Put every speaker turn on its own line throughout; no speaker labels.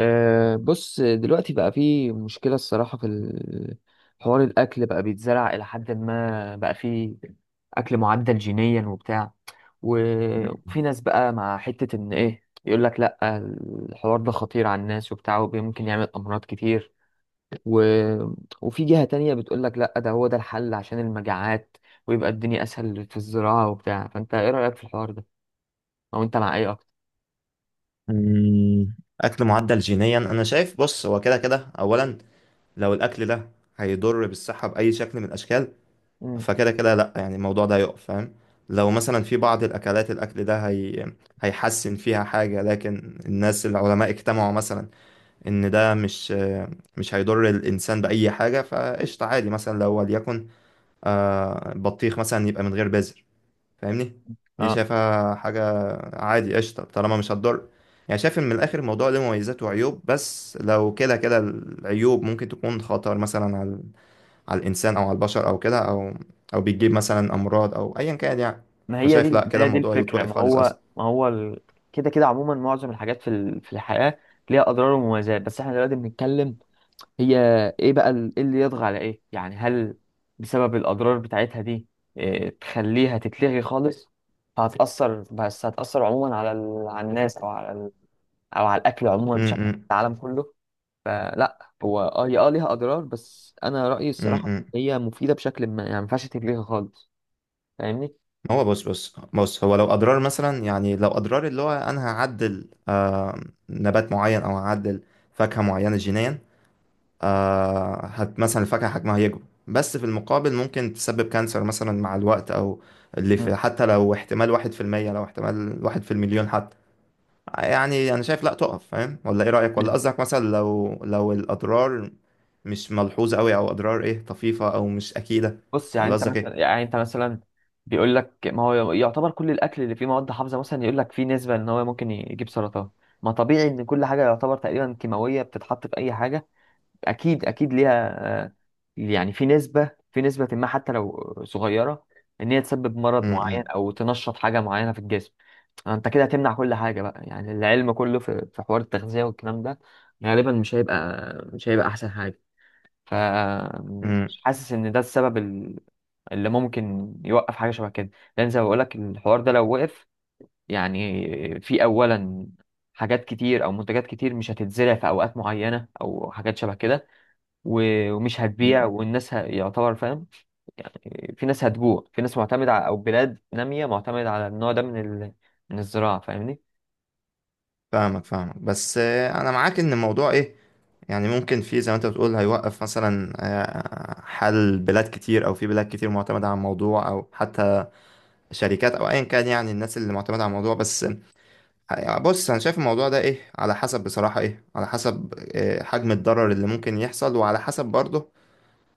أه بص دلوقتي بقى في مشكلة الصراحة في حوار الأكل بقى بيتزرع إلى حد ما، بقى في أكل معدل جينيا وبتاع، وفي ناس بقى مع حتة إن إيه يقول لك لأ الحوار ده خطير على الناس وبتاع وممكن يعمل أمراض كتير، و... وفي جهة تانية بتقول لك لأ ده هو ده الحل عشان المجاعات ويبقى الدنيا أسهل في الزراعة وبتاع. فأنت إيه رأيك في الحوار ده؟ أو أنت مع إيه أكتر؟
مم. اكل معدل جينيا انا شايف، بص، هو كده كده اولا لو الاكل ده هيضر بالصحه باي شكل من الاشكال
مم.
فكده كده لا، يعني الموضوع ده يقف فاهم. لو مثلا في بعض الاكلات الاكل ده هيحسن فيها حاجه لكن الناس العلماء اجتمعوا مثلا ان ده مش هيضر الانسان باي حاجه فقشطه عادي. مثلا لو وليكن بطيخ مثلا يبقى من غير بذر، فاهمني، دي
اه،
شايفها حاجة عادي قشطة طالما مش هتضر. يعني شايف ان من الاخر الموضوع له مميزات وعيوب، بس لو كده كده العيوب ممكن تكون خطر مثلا على الانسان او على البشر او كده، او بتجيب مثلا امراض او ايا كان يعني.
ما هي دي
فشايف لا،
ما
كده
هي دي
الموضوع
الفكرة،
يتوقف
ما
خالص
هو
اصلا.
ما هو ال... كده كده عموما معظم الحاجات في في الحياة ليها أضرار ومميزات، بس احنا دلوقتي بنتكلم. هي إيه بقى إيه اللي يطغى على إيه؟ يعني هل بسبب الأضرار بتاعتها دي إيه تخليها تتلغي خالص؟ فهتأثر، بس هتأثر عموما على على الناس أو على أو على الأكل عموما بشكل عام في
امم.
العالم كله. فلا، هو هي ليها أضرار، بس أنا رأيي الصراحة إن
امم.
هي مفيدة بشكل ما، يعني ما ينفعش تتلغي خالص. فاهمني؟
ما هو بص بص بص، هو لو اضرار مثلا، يعني لو اضرار اللي هو انا هعدل نبات معين او هعدل فاكهة معينة جينيا، آه هت مثلا الفاكهة حجمها يكبر، بس في المقابل ممكن تسبب كانسر مثلا مع الوقت، أو اللي في،
مم.
حتى لو احتمال واحد في المية، لو احتمال واحد في المليون حتى، يعني أنا شايف لأ تقف، فاهم؟ ولا إيه رأيك؟ ولا قصدك مثلا لو الأضرار مش ملحوظة أوي أو أضرار إيه طفيفة أو مش أكيدة؟
بص، يعني
ولا
انت
قصدك
مثلا،
إيه؟
بيقول لك ما هو يعتبر كل الاكل اللي فيه مواد حافظه مثلا، يقول لك فيه نسبه ان هو ممكن يجيب سرطان. ما طبيعي ان كل حاجه يعتبر تقريبا كيماويه بتتحط في اي حاجه اكيد اكيد ليها، آه، يعني في نسبه، ما حتى لو صغيره ان هي تسبب
م-
مرض معين
م-
او تنشط حاجه معينه في الجسم. انت كده هتمنع كل حاجه بقى؟ يعني العلم كله في حوار التغذيه والكلام ده غالبا مش هيبقى مش هيبقى احسن حاجه. ف
م-
مش حاسس ان ده السبب اللي ممكن يوقف حاجه شبه كده، لان زي ما بقول لك الحوار ده لو وقف، يعني في اولا حاجات كتير او منتجات كتير مش هتتزرع في اوقات معينه او حاجات شبه كده، ومش هتبيع،
م.
والناس يعتبر فاهم، في ناس هتجوع، في ناس معتمده على، او بلاد ناميه معتمده على النوع ده من من الزراعه. فاهمني؟
فاهمك فاهمك، بس أنا معاك إن الموضوع إيه، يعني ممكن في زي ما انت بتقول هيوقف مثلا حل بلاد كتير، او في بلاد كتير معتمدة على الموضوع او حتى شركات او ايا كان، يعني الناس اللي معتمدة على الموضوع. بس بص، انا شايف الموضوع ده ايه، على حسب بصراحة، ايه، على حسب حجم الضرر اللي ممكن يحصل، وعلى حسب برضه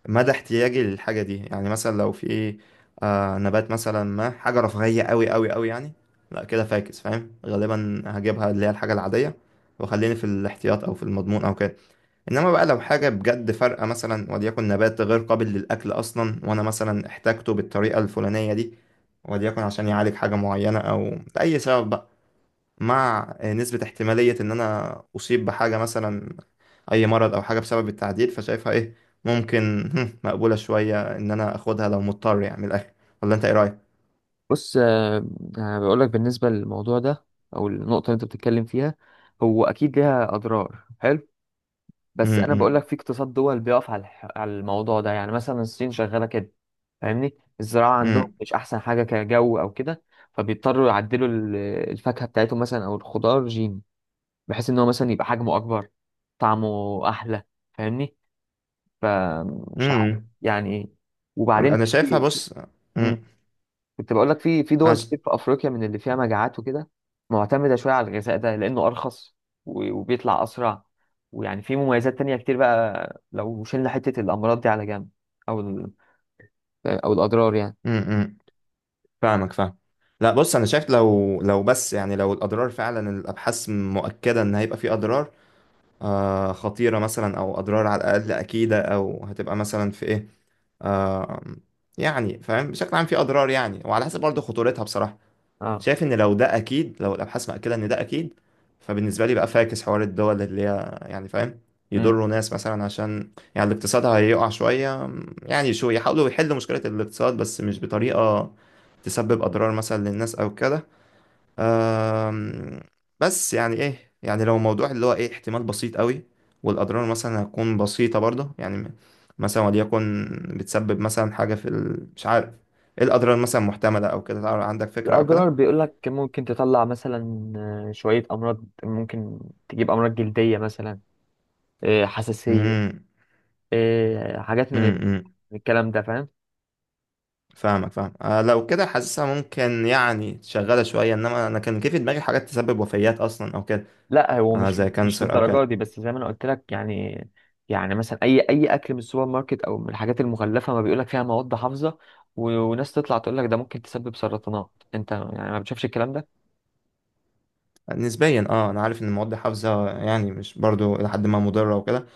مدى احتياجي للحاجة دي. يعني مثلا لو في نبات مثلا، ما حاجة رفاهية قوي قوي قوي يعني، لا كده فاكس، فاهم، غالبا هجيبها اللي هي الحاجة العادية وخليني في الاحتياط او في المضمون او كده. انما بقى لو حاجه بجد فارقه، مثلا وليكن نبات غير قابل للاكل اصلا، وانا مثلا احتاجته بالطريقه الفلانيه دي، وليكن عشان يعالج حاجه معينه او لاي سبب بقى، مع نسبه احتماليه ان انا اصيب بحاجه، مثلا اي مرض او حاجه بسبب التعديل، فشايفها ايه، ممكن مقبوله شويه ان انا اخدها لو مضطر يعني من الاخر. ولا انت ايه رايك؟
بص، انا بقول لك بالنسبه للموضوع ده او النقطه اللي انت بتتكلم فيها، هو اكيد ليها اضرار، حلو.
م-
بس انا بقول لك
م-
في اقتصاد دول بيقف على على الموضوع ده، يعني مثلا الصين شغاله كده. فاهمني؟ الزراعه عندهم
م-
مش احسن حاجه كجو او كده، فبيضطروا يعدلوا الفاكهه بتاعتهم مثلا او الخضار جين، بحيث ان هو مثلا يبقى حجمه اكبر، طعمه احلى. فاهمني؟ فمش عارف
م-
يعني إيه. وبعدين
انا شايفها،
في
بص. م-
كنت بقول لك في دول
عش...
كتير في افريقيا من اللي فيها مجاعات وكده، معتمده شويه على الغذاء ده لانه ارخص، وبيطلع اسرع، ويعني في مميزات تانية كتير بقى لو شلنا حته الامراض دي على جنب، او او الاضرار يعني.
فاهمك فاهم لا بص، انا شايف لو بس، يعني لو الاضرار فعلا الابحاث مؤكده ان هيبقى في اضرار خطيره مثلا، او اضرار على الاقل اكيده، او هتبقى مثلا في ايه، آه يعني، فاهم، بشكل عام في اضرار يعني، وعلى حسب برضه خطورتها بصراحه.
اه،
شايف ان لو ده اكيد، لو الابحاث مأكده ان ده اكيد، فبالنسبه لي بقى فاكس حوار الدول اللي هي يعني، فاهم،
امم.
يضروا ناس مثلا عشان يعني الاقتصاد هيقع شويه. يعني شو، يحاولوا يحلوا مشكله الاقتصاد بس مش بطريقه تسبب اضرار مثلا للناس او كده. أم، بس يعني ايه، يعني لو موضوع اللي هو ايه، احتمال بسيط قوي والاضرار مثلا هتكون بسيطه برضه، يعني مثلا وليكن بتسبب مثلا حاجه مش عارف، ايه الاضرار مثلا محتمله او كده، عندك فكره او كده؟
الاضرار بيقول لك ممكن تطلع مثلا شويه امراض، ممكن تجيب امراض جلديه مثلا، حساسيه،
امم.
حاجات من
امم. امم.
الكلام ده، فاهم.
فاهمك فاهم لو كده حاسسها ممكن يعني شغاله شويه، انما انا كان كيف في دماغي حاجات تسبب وفيات اصلا او كده،
لا هو مش
زي
مش
كانسر او
للدرجه
كده.
دي، بس زي ما انا قلت لك، يعني مثلا، اي اكل من السوبر ماركت او من الحاجات المغلفه، ما بيقول لك فيها مواد حافظه، وناس تطلع تقول لك ده ممكن تسبب سرطانات؟ انت يعني ما بتشوفش الكلام ده؟
نسبيا انا عارف ان المواد الحافظه يعني مش برضو لحد ما مضره وكده.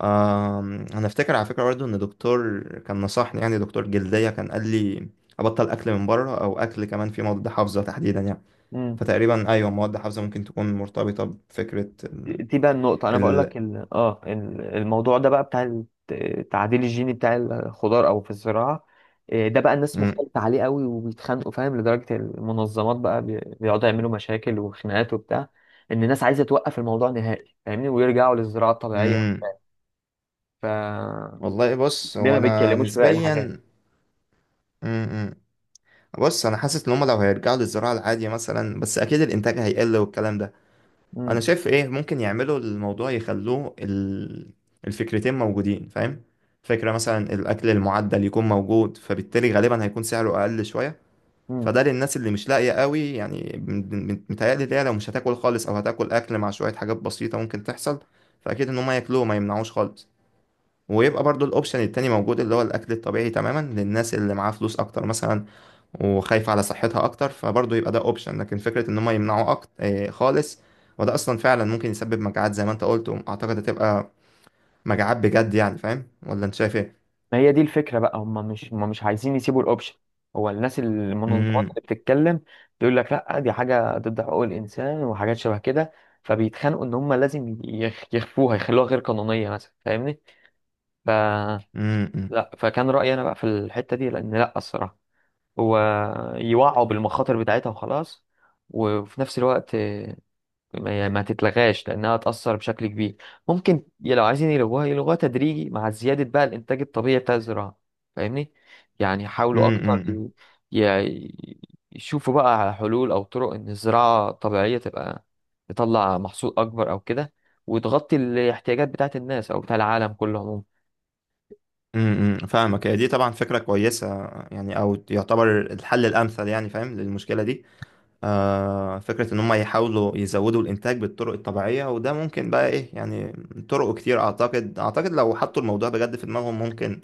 آه انا افتكر على فكره برضو ان دكتور كان نصحني، يعني دكتور جلديه كان قال لي ابطل اكل من بره او اكل كمان في مواد حافظه تحديدا يعني.
امم.
فتقريبا ايوه، مواد حافظه ممكن تكون مرتبطه بفكره
دي بقى النقطه، انا بقول
ال-
لك الموضوع ده بقى بتاع التعديل الجيني بتاع الخضار او في الزراعه. إيه ده بقى، الناس مختلفه عليه قوي وبيتخانقوا فاهم، لدرجه المنظمات بقى بيقعدوا يعملوا مشاكل وخناقات وبتاع، ان الناس عايزه توقف الموضوع نهائي فاهمني، ويرجعوا للزراعه الطبيعيه.
مم.
ف
والله بص،
ليه
هو
ما
انا
بيتكلموش في باقي الحاجات؟
نسبيا م-م. بص انا حاسس ان هم لو هيرجعوا للزراعه العاديه مثلا، بس اكيد الانتاج هيقل والكلام ده. انا
امم،
شايف ايه ممكن يعملوا الموضوع يخلوه الفكرتين موجودين، فاهم، فكره مثلا الاكل المعدل يكون موجود، فبالتالي غالبا هيكون سعره اقل شويه،
امم.
فده للناس اللي مش لاقيه قوي. يعني متهيألي ده لو مش هتاكل خالص او هتاكل اكل مع شويه حاجات بسيطه ممكن تحصل، فاكيد ان هم ياكلوه، ما يمنعوش خالص، ويبقى برضو الاوبشن التاني موجود اللي هو الاكل الطبيعي تماما للناس اللي معاها فلوس اكتر مثلا وخايفة على صحتها اكتر، فبرضو يبقى ده اوبشن. لكن فكرة ان هم يمنعوا اكتر خالص، وده اصلا فعلا ممكن يسبب مجاعات زي ما انت قلت، واعتقد هتبقى مجاعات بجد يعني، فاهم؟ ولا انت شايف ايه؟
ما هي دي الفكره بقى، هم مش عايزين يسيبوا الاوبشن. هو الناس المنظمات
امم
اللي بتتكلم تقول لك لا دي حاجه ضد حقوق الانسان وحاجات شبه كده، فبيتخانقوا ان هم لازم يخفوها، يخلوها غير قانونيه مثلا. فاهمني؟ ف
امم
لا، فكان رايي انا بقى في الحته دي، لان لا الصراحه، هو يوعوا بالمخاطر بتاعتها وخلاص، وفي نفس الوقت ما تتلغاش، لانها هتأثر بشكل كبير. ممكن لو عايزين يلغوها، يلغوها تدريجي مع زيادة بقى الانتاج الطبيعي بتاع الزراعة. فاهمني؟ يعني يحاولوا اكتر،
امم
ي- يشوفوا بقى على حلول او طرق ان الزراعة الطبيعية تبقى تطلع محصول اكبر او كده، وتغطي الاحتياجات بتاعت الناس او بتاع العالم كله عموما.
فاهمك، هي دي طبعا فكرة كويسة، يعني او يعتبر الحل الامثل يعني، فاهم، للمشكلة دي. فكرة إن هم يحاولوا يزودوا الإنتاج بالطرق الطبيعية، وده ممكن بقى إيه يعني، طرق كتير أعتقد لو حطوا الموضوع بجد في دماغهم ممكن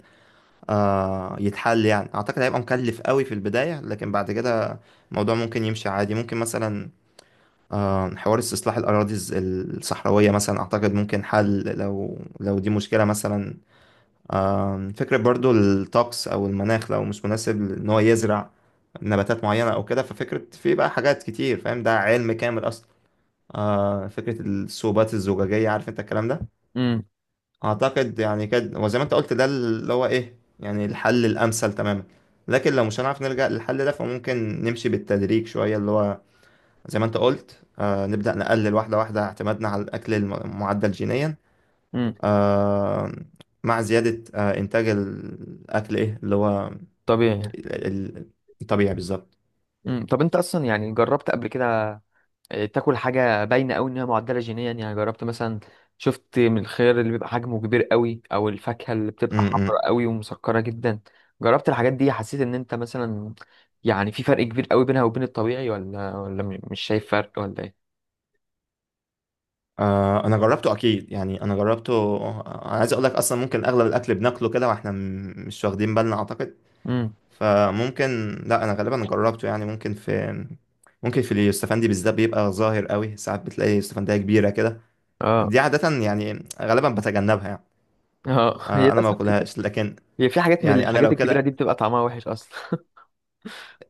يتحل يعني. أعتقد هيبقى مكلف قوي في البداية، لكن بعد كده الموضوع ممكن يمشي عادي. ممكن مثلا حوار استصلاح الأراضي الصحراوية مثلا، أعتقد ممكن حل لو دي مشكلة مثلا. فكرة برضو الطقس أو المناخ لو مش مناسب إن هو يزرع نباتات معينة أو كده، ففكرة في بقى حاجات كتير، فاهم، ده علم كامل أصلا. فكرة الصوبات الزجاجية، عارف أنت الكلام ده؟
امم،
أعتقد يعني كده، وزي ما أنت قلت، ده اللي هو إيه يعني الحل الأمثل تماما. لكن لو مش هنعرف نلجأ للحل ده فممكن نمشي بالتدريج شوية، اللي هو زي ما أنت قلت نبدأ نقلل واحدة واحدة اعتمادنا على الأكل معدل جينيا،
امم،
آه، مع زيادة إنتاج الأكل إيه اللي هو
طبيعي،
ال- ال- الطبيعي بالظبط.
امم. طب انت اصلا يعني جربت قبل كده تاكل حاجه باينه قوي انها معدله جينيا؟ يعني جربت مثلا، شفت من الخيار اللي بيبقى حجمه كبير قوي او الفاكهه اللي
م-
بتبقى
م.
حمراء قوي ومسكره جدا، جربت الحاجات دي، حسيت ان انت مثلا يعني في فرق كبير قوي بينها وبين الطبيعي؟ ولا مش شايف فرق ولا ايه؟
آه، أنا جربته أكيد، يعني أنا جربته. أنا عايز أقول لك أصلا ممكن أغلب الأكل بناكله كده وإحنا مش واخدين بالنا أعتقد.
امم،
فممكن، لا أنا غالبا جربته يعني، ممكن في اليوسفندي بالذات بيبقى ظاهر قوي، ساعات بتلاقي يوسفندية كبيرة كده،
اه،
دي عادة يعني غالبا بتجنبها يعني.
اه. هي
أنا
ده
ما
صح.
باكلهاش، لكن
هي في حاجات من
يعني أنا
الحاجات
لو
الكبيره
كده،
دي بتبقى طعمها وحش اصلا.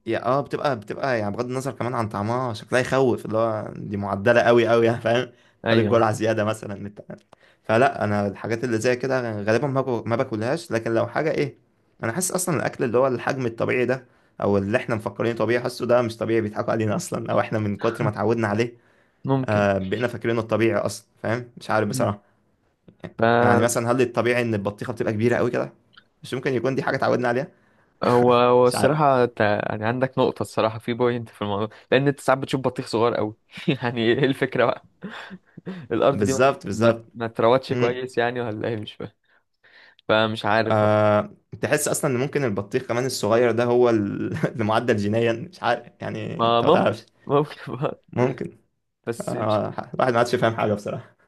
يا اه بتبقى يعني، بغض النظر كمان عن طعمها، شكلها يخوف، اللي هو دي معدلة قوي قوي يعني، فاهم، خد
ايوه،
الجرعة زيادة مثلا بتاع. فلا انا الحاجات اللي زي كده غالبا ما باكلهاش. لكن لو حاجة ايه، انا حاسس اصلا الاكل اللي هو الحجم الطبيعي ده او اللي احنا مفكرينه طبيعي، حاسه ده مش طبيعي، بيضحكوا علينا اصلا، او احنا من كتر ما اتعودنا عليه
ممكن.
بقينا فاكرينه الطبيعي اصلا، فاهم، مش عارف
مم.
بصراحة. يعني
ف،
مثلا هل الطبيعي ان البطيخة بتبقى كبيرة قوي كده؟ مش ممكن يكون دي حاجة اتعودنا عليها؟
هو
مش عارف.
الصراحة انت يعني عندك نقطة، الصراحة في بوينت في الموضوع، لأن أنت ساعات بتشوف بطيخ صغير أوي. يعني إيه الفكرة بقى؟ الأرض دي ما
بالظبط
ما
بالظبط.
ما اتروتش
مم.
كويس يعني، ولا إيه؟ مش فاهم. فمش عارف بقى.
أه تحس اصلا ان ممكن البطيخ كمان الصغير ده هو اللي معدل جينيا، مش عارف يعني،
ما
انت ما
ممكن،
تعرفش.
ممكن بقى.
ممكن.
بس مش
الواحد ما عادش فاهم حاجه بصراحه.